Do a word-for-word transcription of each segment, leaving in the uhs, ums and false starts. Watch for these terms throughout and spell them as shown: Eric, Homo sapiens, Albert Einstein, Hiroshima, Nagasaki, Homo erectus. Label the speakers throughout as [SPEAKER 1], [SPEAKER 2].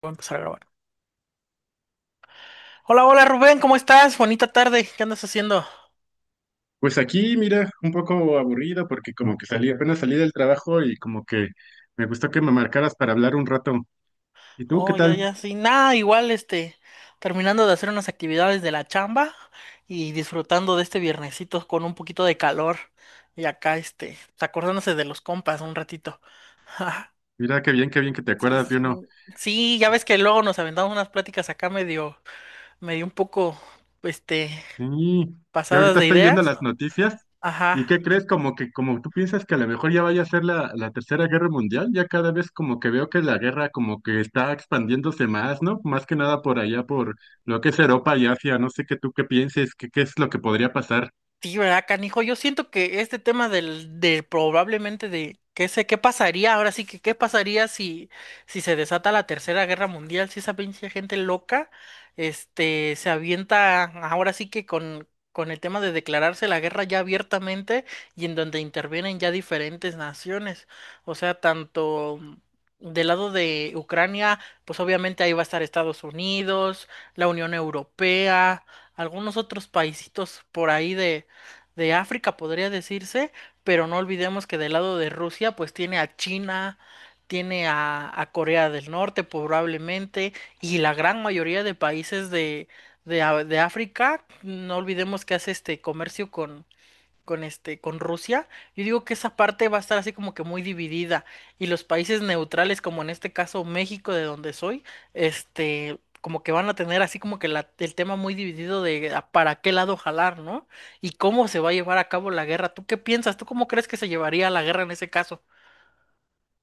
[SPEAKER 1] Voy a empezar a grabar. Hola, hola Rubén, ¿cómo estás? Bonita tarde, ¿qué andas haciendo?
[SPEAKER 2] Pues aquí, mira, un poco aburrido porque como que salí, apenas salí del trabajo y como que me gustó que me marcaras para hablar un rato. ¿Y tú qué
[SPEAKER 1] Oh, ya,
[SPEAKER 2] tal?
[SPEAKER 1] ya, sí, nada, igual, este, terminando de hacer unas actividades de la chamba y disfrutando de este viernesito con un poquito de calor y acá, este, pues, acordándose de los compas un ratito.
[SPEAKER 2] Mira, qué bien, qué bien que te
[SPEAKER 1] Sí,
[SPEAKER 2] acuerdas de uno.
[SPEAKER 1] sí. Sí, ya ves que luego nos aventamos unas pláticas acá medio, medio un poco, este,
[SPEAKER 2] Sí, yo
[SPEAKER 1] pasadas
[SPEAKER 2] ahorita
[SPEAKER 1] de
[SPEAKER 2] estoy viendo
[SPEAKER 1] ideas.
[SPEAKER 2] las noticias
[SPEAKER 1] Ajá.
[SPEAKER 2] y ¿qué crees? Como que como tú piensas que a lo mejor ya vaya a ser la, la Tercera Guerra Mundial, ya cada vez como que veo que la guerra como que está expandiéndose más, ¿no? Más que nada por allá, por lo que es Europa y Asia, no sé qué tú qué pienses, qué, qué es lo que podría pasar.
[SPEAKER 1] Sí, ¿verdad, canijo? Yo siento que este tema del, de probablemente de qué sé, qué pasaría, ahora sí que qué pasaría si, si se desata la Tercera Guerra Mundial, si esa pinche gente loca, este, se avienta ahora sí que con, con el tema de declararse la guerra ya abiertamente y en donde intervienen ya diferentes naciones. O sea, tanto del lado de Ucrania, pues obviamente ahí va a estar Estados Unidos, la Unión Europea, algunos otros paisitos por ahí de de África, podría decirse, pero no olvidemos que del lado de Rusia, pues tiene a China, tiene a, a Corea del Norte probablemente, y la gran mayoría de países de, de, a- de África, no olvidemos que hace este comercio con, con este, con Rusia. Yo digo que esa parte va a estar así como que muy dividida y los países neutrales, como en este caso México, de donde soy, este, como que van a tener así como que la- el tema muy dividido de a para qué lado jalar, ¿no? Y cómo se va a llevar a cabo la guerra. ¿Tú qué piensas? ¿Tú cómo crees que se llevaría la guerra en ese caso?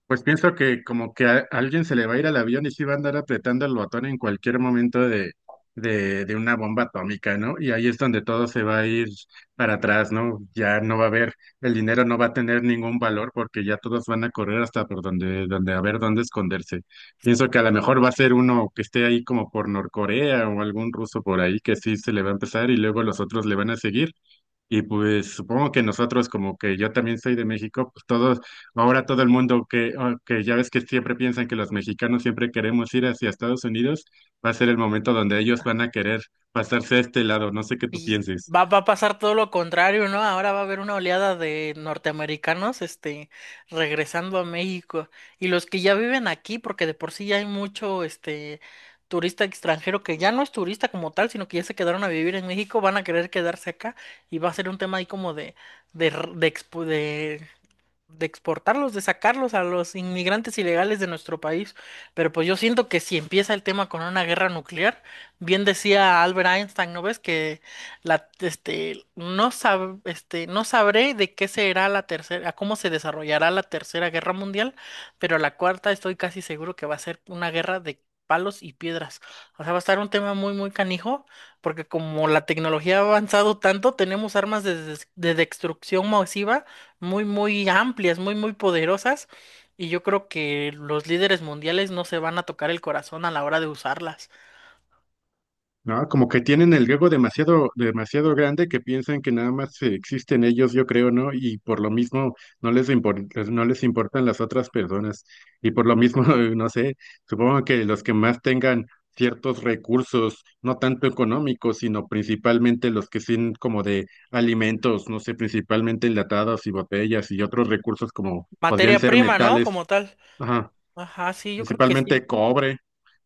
[SPEAKER 2] Pues pienso que como que a alguien se le va a ir al avión y sí va a andar apretando el botón en cualquier momento de, de, de una bomba atómica, ¿no? Y ahí es donde todo se va a ir para atrás, ¿no? Ya no va a haber, el dinero no va a tener ningún valor porque ya todos van a correr hasta por donde, donde a ver dónde esconderse. Pienso que a lo mejor va a ser uno que esté ahí como por Norcorea o algún ruso por ahí que sí se le va a empezar y luego los otros le van a seguir y pues supongo que nosotros, como que yo también soy de México, pues todos, ahora todo el mundo que, ah, que ya ves que siempre piensan que los mexicanos siempre queremos ir hacia Estados Unidos, va a ser el momento donde ellos van a querer pasarse a este lado. No sé qué tú
[SPEAKER 1] Y
[SPEAKER 2] pienses.
[SPEAKER 1] va, va a pasar todo lo contrario, ¿no? Ahora va a haber una oleada de norteamericanos, este, regresando a México. Y los que ya viven aquí, porque de por sí ya hay mucho, este, turista extranjero que ya no es turista como tal, sino que ya se quedaron a vivir en México, van a querer quedarse acá y va a ser un tema ahí como de, de, r- de, expo- de de exportarlos, de sacarlos a los inmigrantes ilegales de nuestro país. Pero pues yo siento que si empieza el tema con una guerra nuclear, bien decía Albert Einstein, ¿no ves? Que la, este, no sab- este, no sabré de qué será la tercera, cómo se desarrollará la tercera guerra mundial, pero la cuarta estoy casi seguro que va a ser una guerra de palos y piedras. O sea, va a estar un tema muy, muy canijo, porque como la tecnología ha avanzado tanto, tenemos armas de des- de destrucción masiva muy, muy amplias, muy, muy poderosas, y yo creo que los líderes mundiales no se van a tocar el corazón a la hora de usarlas.
[SPEAKER 2] No, como que tienen el ego demasiado, demasiado grande que piensan que nada más eh, existen ellos, yo creo, ¿no? Y por lo mismo no les impor- no les importan las otras personas. Y por lo mismo, no sé, supongo que los que más tengan ciertos recursos, no tanto económicos, sino principalmente los que son como de alimentos, no sé, principalmente enlatados y botellas y otros recursos como podrían
[SPEAKER 1] Materia
[SPEAKER 2] ser
[SPEAKER 1] prima, ¿no?
[SPEAKER 2] metales,
[SPEAKER 1] Como tal. Ajá, sí, yo creo que sí,
[SPEAKER 2] principalmente cobre,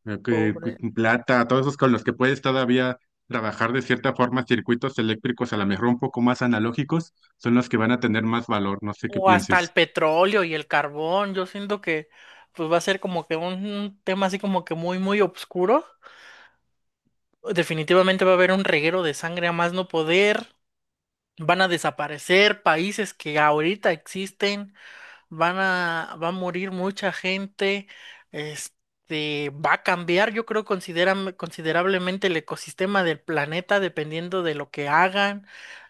[SPEAKER 2] eh, que-
[SPEAKER 1] pobre.
[SPEAKER 2] que- plata, todos esos con los que puedes todavía trabajar de cierta forma circuitos eléctricos, a lo mejor un poco más analógicos, son los que van a tener más valor, no sé qué
[SPEAKER 1] O hasta el
[SPEAKER 2] pienses.
[SPEAKER 1] petróleo y el carbón, yo siento que pues va a ser como que un tema así como que muy, muy oscuro. Definitivamente va a haber un reguero de sangre a más no poder. Van a desaparecer países que ahorita existen. Van a, va a morir mucha gente, este, va a cambiar, yo creo, consideram- considerablemente el ecosistema del planeta, dependiendo de lo que hagan.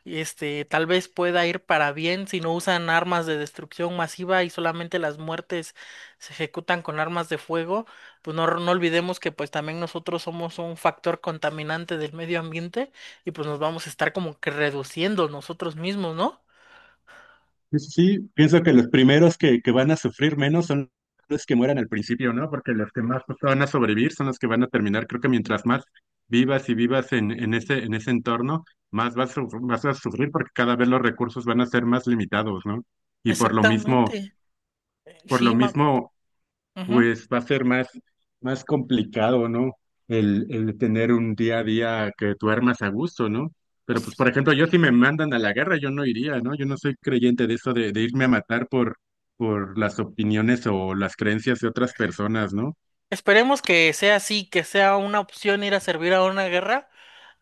[SPEAKER 1] Este, tal vez pueda ir para bien si no usan armas de destrucción masiva y solamente las muertes se ejecutan con armas de fuego. Pues no, no olvidemos que pues también nosotros somos un factor contaminante del medio ambiente y pues nos vamos a estar como que reduciendo nosotros mismos, ¿no?
[SPEAKER 2] Sí, sí, sí, pienso que los primeros que, que van a sufrir menos son los que mueran al principio, ¿no? Porque los que más, pues, van a sobrevivir son los que van a terminar. Creo que mientras más vivas y vivas en, en ese, en ese entorno, más vas, a sufr- vas a sufrir porque cada vez los recursos van a ser más limitados, ¿no? Y por lo mismo,
[SPEAKER 1] Exactamente.
[SPEAKER 2] por lo
[SPEAKER 1] Sí, ma.
[SPEAKER 2] mismo
[SPEAKER 1] Ujú.
[SPEAKER 2] pues va a ser más, más complicado, ¿no? El, el tener un día a día que tú armas a gusto, ¿no? Pero pues,
[SPEAKER 1] Pues,
[SPEAKER 2] por ejemplo, yo si me mandan a la guerra, yo no iría, ¿no? Yo no soy creyente de eso de, de irme a matar por, por las opiniones o las creencias de otras personas, ¿no?
[SPEAKER 1] esperemos que sea así, que sea una opción ir a servir a una guerra,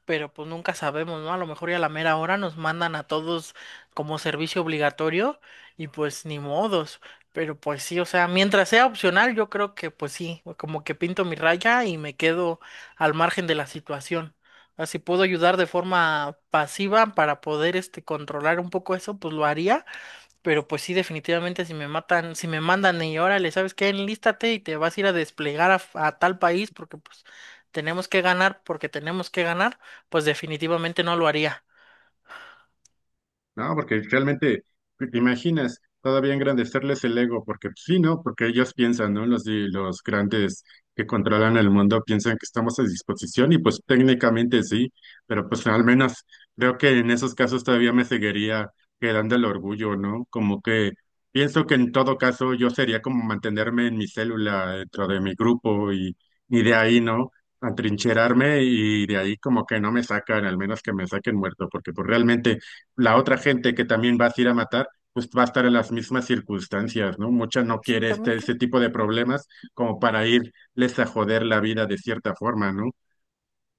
[SPEAKER 1] pero pues nunca sabemos, ¿no? A lo mejor ya a la mera hora nos mandan a todos como servicio obligatorio y pues ni modos. Pero pues sí, o sea, mientras sea opcional, yo creo que pues sí, como que pinto mi raya y me quedo al margen de la situación. Así puedo ayudar de forma pasiva para poder este controlar un poco eso, pues lo haría. Pero pues sí, definitivamente si me matan, si me mandan y órale, ¿sabes qué? Enlístate y te vas a ir a desplegar a, a tal país porque pues tenemos que ganar, porque tenemos que ganar, pues definitivamente no lo haría.
[SPEAKER 2] No, porque realmente, te te imaginas, todavía engrandecerles el ego, porque pues, sí, ¿no? Porque ellos piensan, ¿no? Los, di- los grandes que controlan el mundo piensan que estamos a disposición y pues técnicamente sí, pero pues al menos creo que en esos casos todavía me seguiría quedando el orgullo, ¿no? Como que pienso que en todo caso yo sería como mantenerme en mi célula dentro de mi grupo y, y de ahí, ¿no? Atrincherarme y de ahí como que no me sacan, al menos que me saquen muerto, porque pues realmente la otra gente que también vas a ir a matar pues va a estar en las mismas circunstancias, ¿no? Mucha no quiere este,
[SPEAKER 1] Exactamente.
[SPEAKER 2] este tipo de problemas como para irles a joder la vida de cierta forma, ¿no?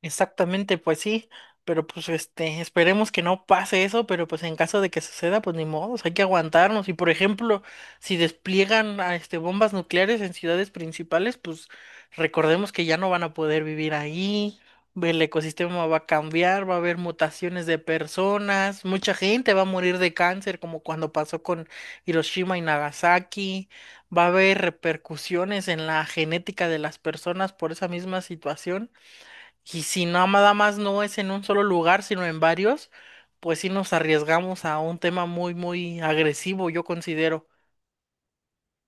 [SPEAKER 1] Exactamente, pues sí, pero pues este, esperemos que no pase eso, pero pues en caso de que suceda, pues ni modo, hay que aguantarnos. Y por ejemplo, si despliegan a, este bombas nucleares en ciudades principales, pues recordemos que ya no van a poder vivir ahí, el ecosistema va a cambiar, va a haber mutaciones de personas, mucha gente va a morir de cáncer, como cuando pasó con Hiroshima y Nagasaki, va a haber repercusiones en la genética de las personas por esa misma situación. Y si no- nada más no es en un solo lugar, sino en varios, pues sí nos arriesgamos a un tema muy, muy agresivo, yo considero.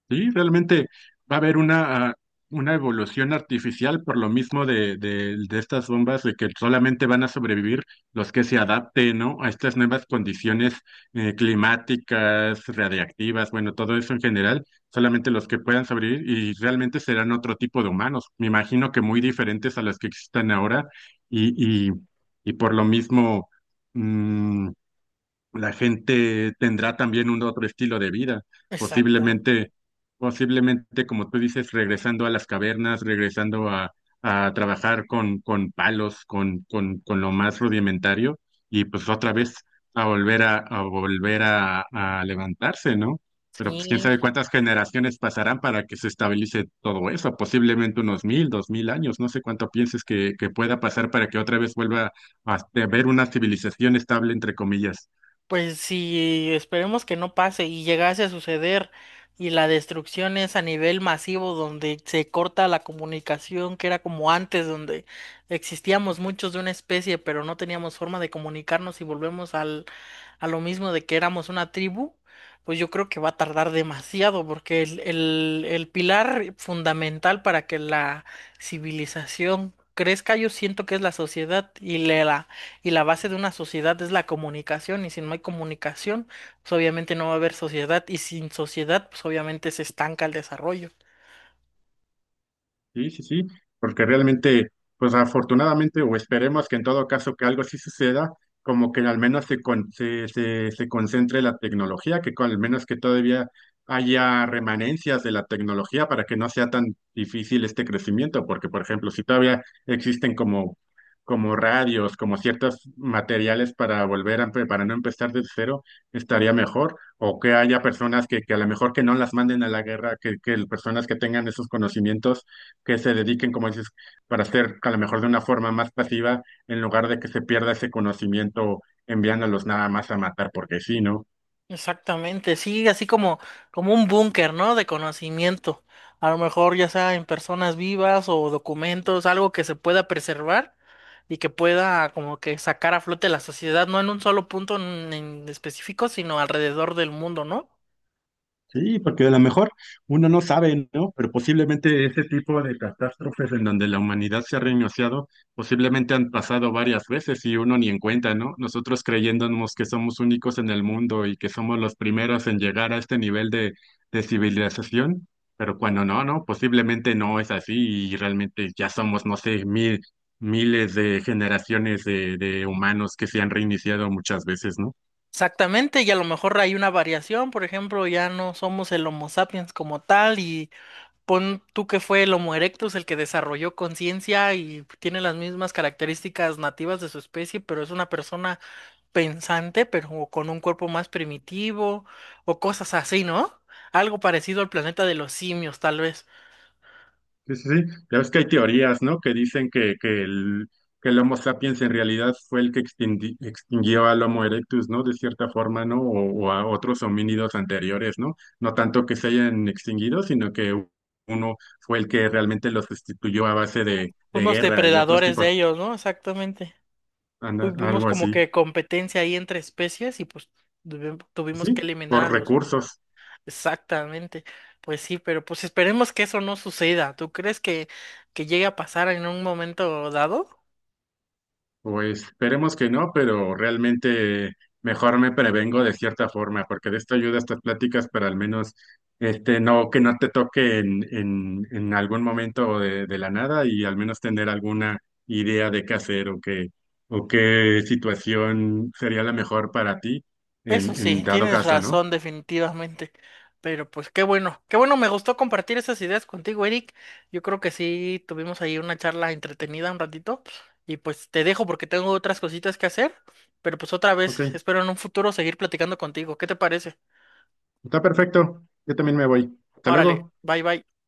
[SPEAKER 2] Sí, realmente va a haber una, ah, una evolución artificial por lo mismo de, de, de estas bombas, de que solamente van a sobrevivir los que se adapten, ¿no?, a estas nuevas condiciones eh, climáticas, radiactivas, bueno, todo eso en general, solamente los que puedan sobrevivir y realmente serán otro tipo de humanos, me imagino que muy diferentes a los que existen ahora y, y, y por lo mismo... mm, la gente tendrá también un otro estilo de vida,
[SPEAKER 1] Exactamente.
[SPEAKER 2] posiblemente, posiblemente, como tú dices, regresando a las cavernas, regresando a, a trabajar con, con palos, con, con, con lo más rudimentario, y pues otra vez a volver a, a volver a, a levantarse, ¿no? Pero pues quién
[SPEAKER 1] Sí,
[SPEAKER 2] sabe cuántas generaciones pasarán para que se estabilice todo eso, posiblemente unos mil, dos mil años, no sé cuánto pienses que, que pueda pasar para que otra vez vuelva a a haber una civilización estable, entre comillas.
[SPEAKER 1] pues si esperemos que no pase y llegase a suceder y la destrucción es a nivel masivo donde se corta la comunicación que era como antes, donde existíamos muchos de una especie pero no teníamos forma de comunicarnos y volvemos al, a lo mismo de que éramos una tribu, pues yo creo que va a tardar demasiado porque el, el, el pilar fundamental para que la civilización crezca yo siento que es la sociedad y la y la base de una sociedad es la comunicación, y si no hay comunicación, pues obviamente no va a haber sociedad, y sin sociedad, pues obviamente se estanca el desarrollo.
[SPEAKER 2] Sí, sí, sí, porque realmente, pues afortunadamente, o esperemos que en todo caso que algo sí suceda, como que al menos se, con- se, se, se concentre la tecnología, que con- al menos que todavía haya remanencias de la tecnología para que no sea tan difícil este crecimiento, porque por ejemplo, si todavía existen como, como radios, como ciertos materiales para volver a, empe- para no empezar de cero, estaría mejor, o que haya personas que, que a lo mejor que no las manden a la guerra, que, que personas que tengan esos conocimientos que se dediquen, como dices, para hacer a lo mejor de una forma más pasiva, en lugar de que se pierda ese conocimiento enviándolos nada más a matar porque sí, ¿no?
[SPEAKER 1] Exactamente, sí, así como, como un búnker, ¿no? De conocimiento. A lo mejor ya sea en personas vivas o documentos, algo que se pueda preservar y que pueda como que sacar a flote la sociedad, no en un solo punto en en específico, sino alrededor del mundo, ¿no?
[SPEAKER 2] Sí, porque a lo mejor uno no sabe, ¿no? Pero posiblemente ese tipo de catástrofes en donde la humanidad se ha reiniciado, posiblemente han pasado varias veces y uno ni en cuenta, ¿no? Nosotros creyéndonos que somos únicos en el mundo y que somos los primeros en llegar a este nivel de, de civilización, pero cuando no, ¿no? Posiblemente no es así y realmente ya somos, no sé, mil, miles de generaciones de, de humanos que se han reiniciado muchas veces, ¿no?
[SPEAKER 1] Exactamente, y a lo mejor hay una variación, por ejemplo, ya no somos el Homo sapiens como tal, y pon tú que fue el Homo erectus el que desarrolló conciencia y tiene las mismas características nativas de su especie, pero es una persona pensante, pero con un cuerpo más primitivo, o cosas así, ¿no? Algo parecido al planeta de los simios, tal vez.
[SPEAKER 2] Sí, sí, sí. Ya ves que hay teorías, ¿no? Que dicen que, que, el, que el Homo sapiens en realidad fue el que extingui- extinguió al Homo erectus, ¿no? De cierta forma, ¿no? O, o a otros homínidos anteriores, ¿no? No tanto que se hayan extinguido, sino que u- uno fue el que realmente los sustituyó a base de, de
[SPEAKER 1] Fuimos
[SPEAKER 2] guerra y otros
[SPEAKER 1] depredadores
[SPEAKER 2] tipos,
[SPEAKER 1] de ellos, ¿no? Exactamente.
[SPEAKER 2] anda-
[SPEAKER 1] Fu- Vimos
[SPEAKER 2] algo
[SPEAKER 1] como
[SPEAKER 2] así.
[SPEAKER 1] que competencia ahí entre especies y pues tuvi- tuvimos que
[SPEAKER 2] Sí,
[SPEAKER 1] eliminar a
[SPEAKER 2] por
[SPEAKER 1] los primeros.
[SPEAKER 2] recursos.
[SPEAKER 1] Exactamente, pues sí, pero pues esperemos que eso no suceda. ¿Tú crees que, que llegue a pasar en un momento dado?
[SPEAKER 2] Pues esperemos que no, pero realmente mejor me prevengo de cierta forma, porque de esto ayuda estas pláticas, para al menos este no que no te toque en, en, en algún momento de, de la nada y al menos tener alguna idea de qué hacer o qué o qué situación sería la mejor para ti
[SPEAKER 1] Eso
[SPEAKER 2] en,
[SPEAKER 1] sí,
[SPEAKER 2] en dado
[SPEAKER 1] tienes
[SPEAKER 2] caso, ¿no?
[SPEAKER 1] razón definitivamente, pero pues qué bueno, qué bueno, me gustó compartir esas ideas contigo, Eric. Yo creo que sí, tuvimos ahí una charla entretenida un ratito y pues te dejo porque tengo otras cositas que hacer, pero pues otra
[SPEAKER 2] Ok,
[SPEAKER 1] vez espero en un futuro seguir platicando contigo. ¿Qué te parece?
[SPEAKER 2] está perfecto. Yo también me voy. Hasta
[SPEAKER 1] Órale,
[SPEAKER 2] luego.
[SPEAKER 1] bye bye.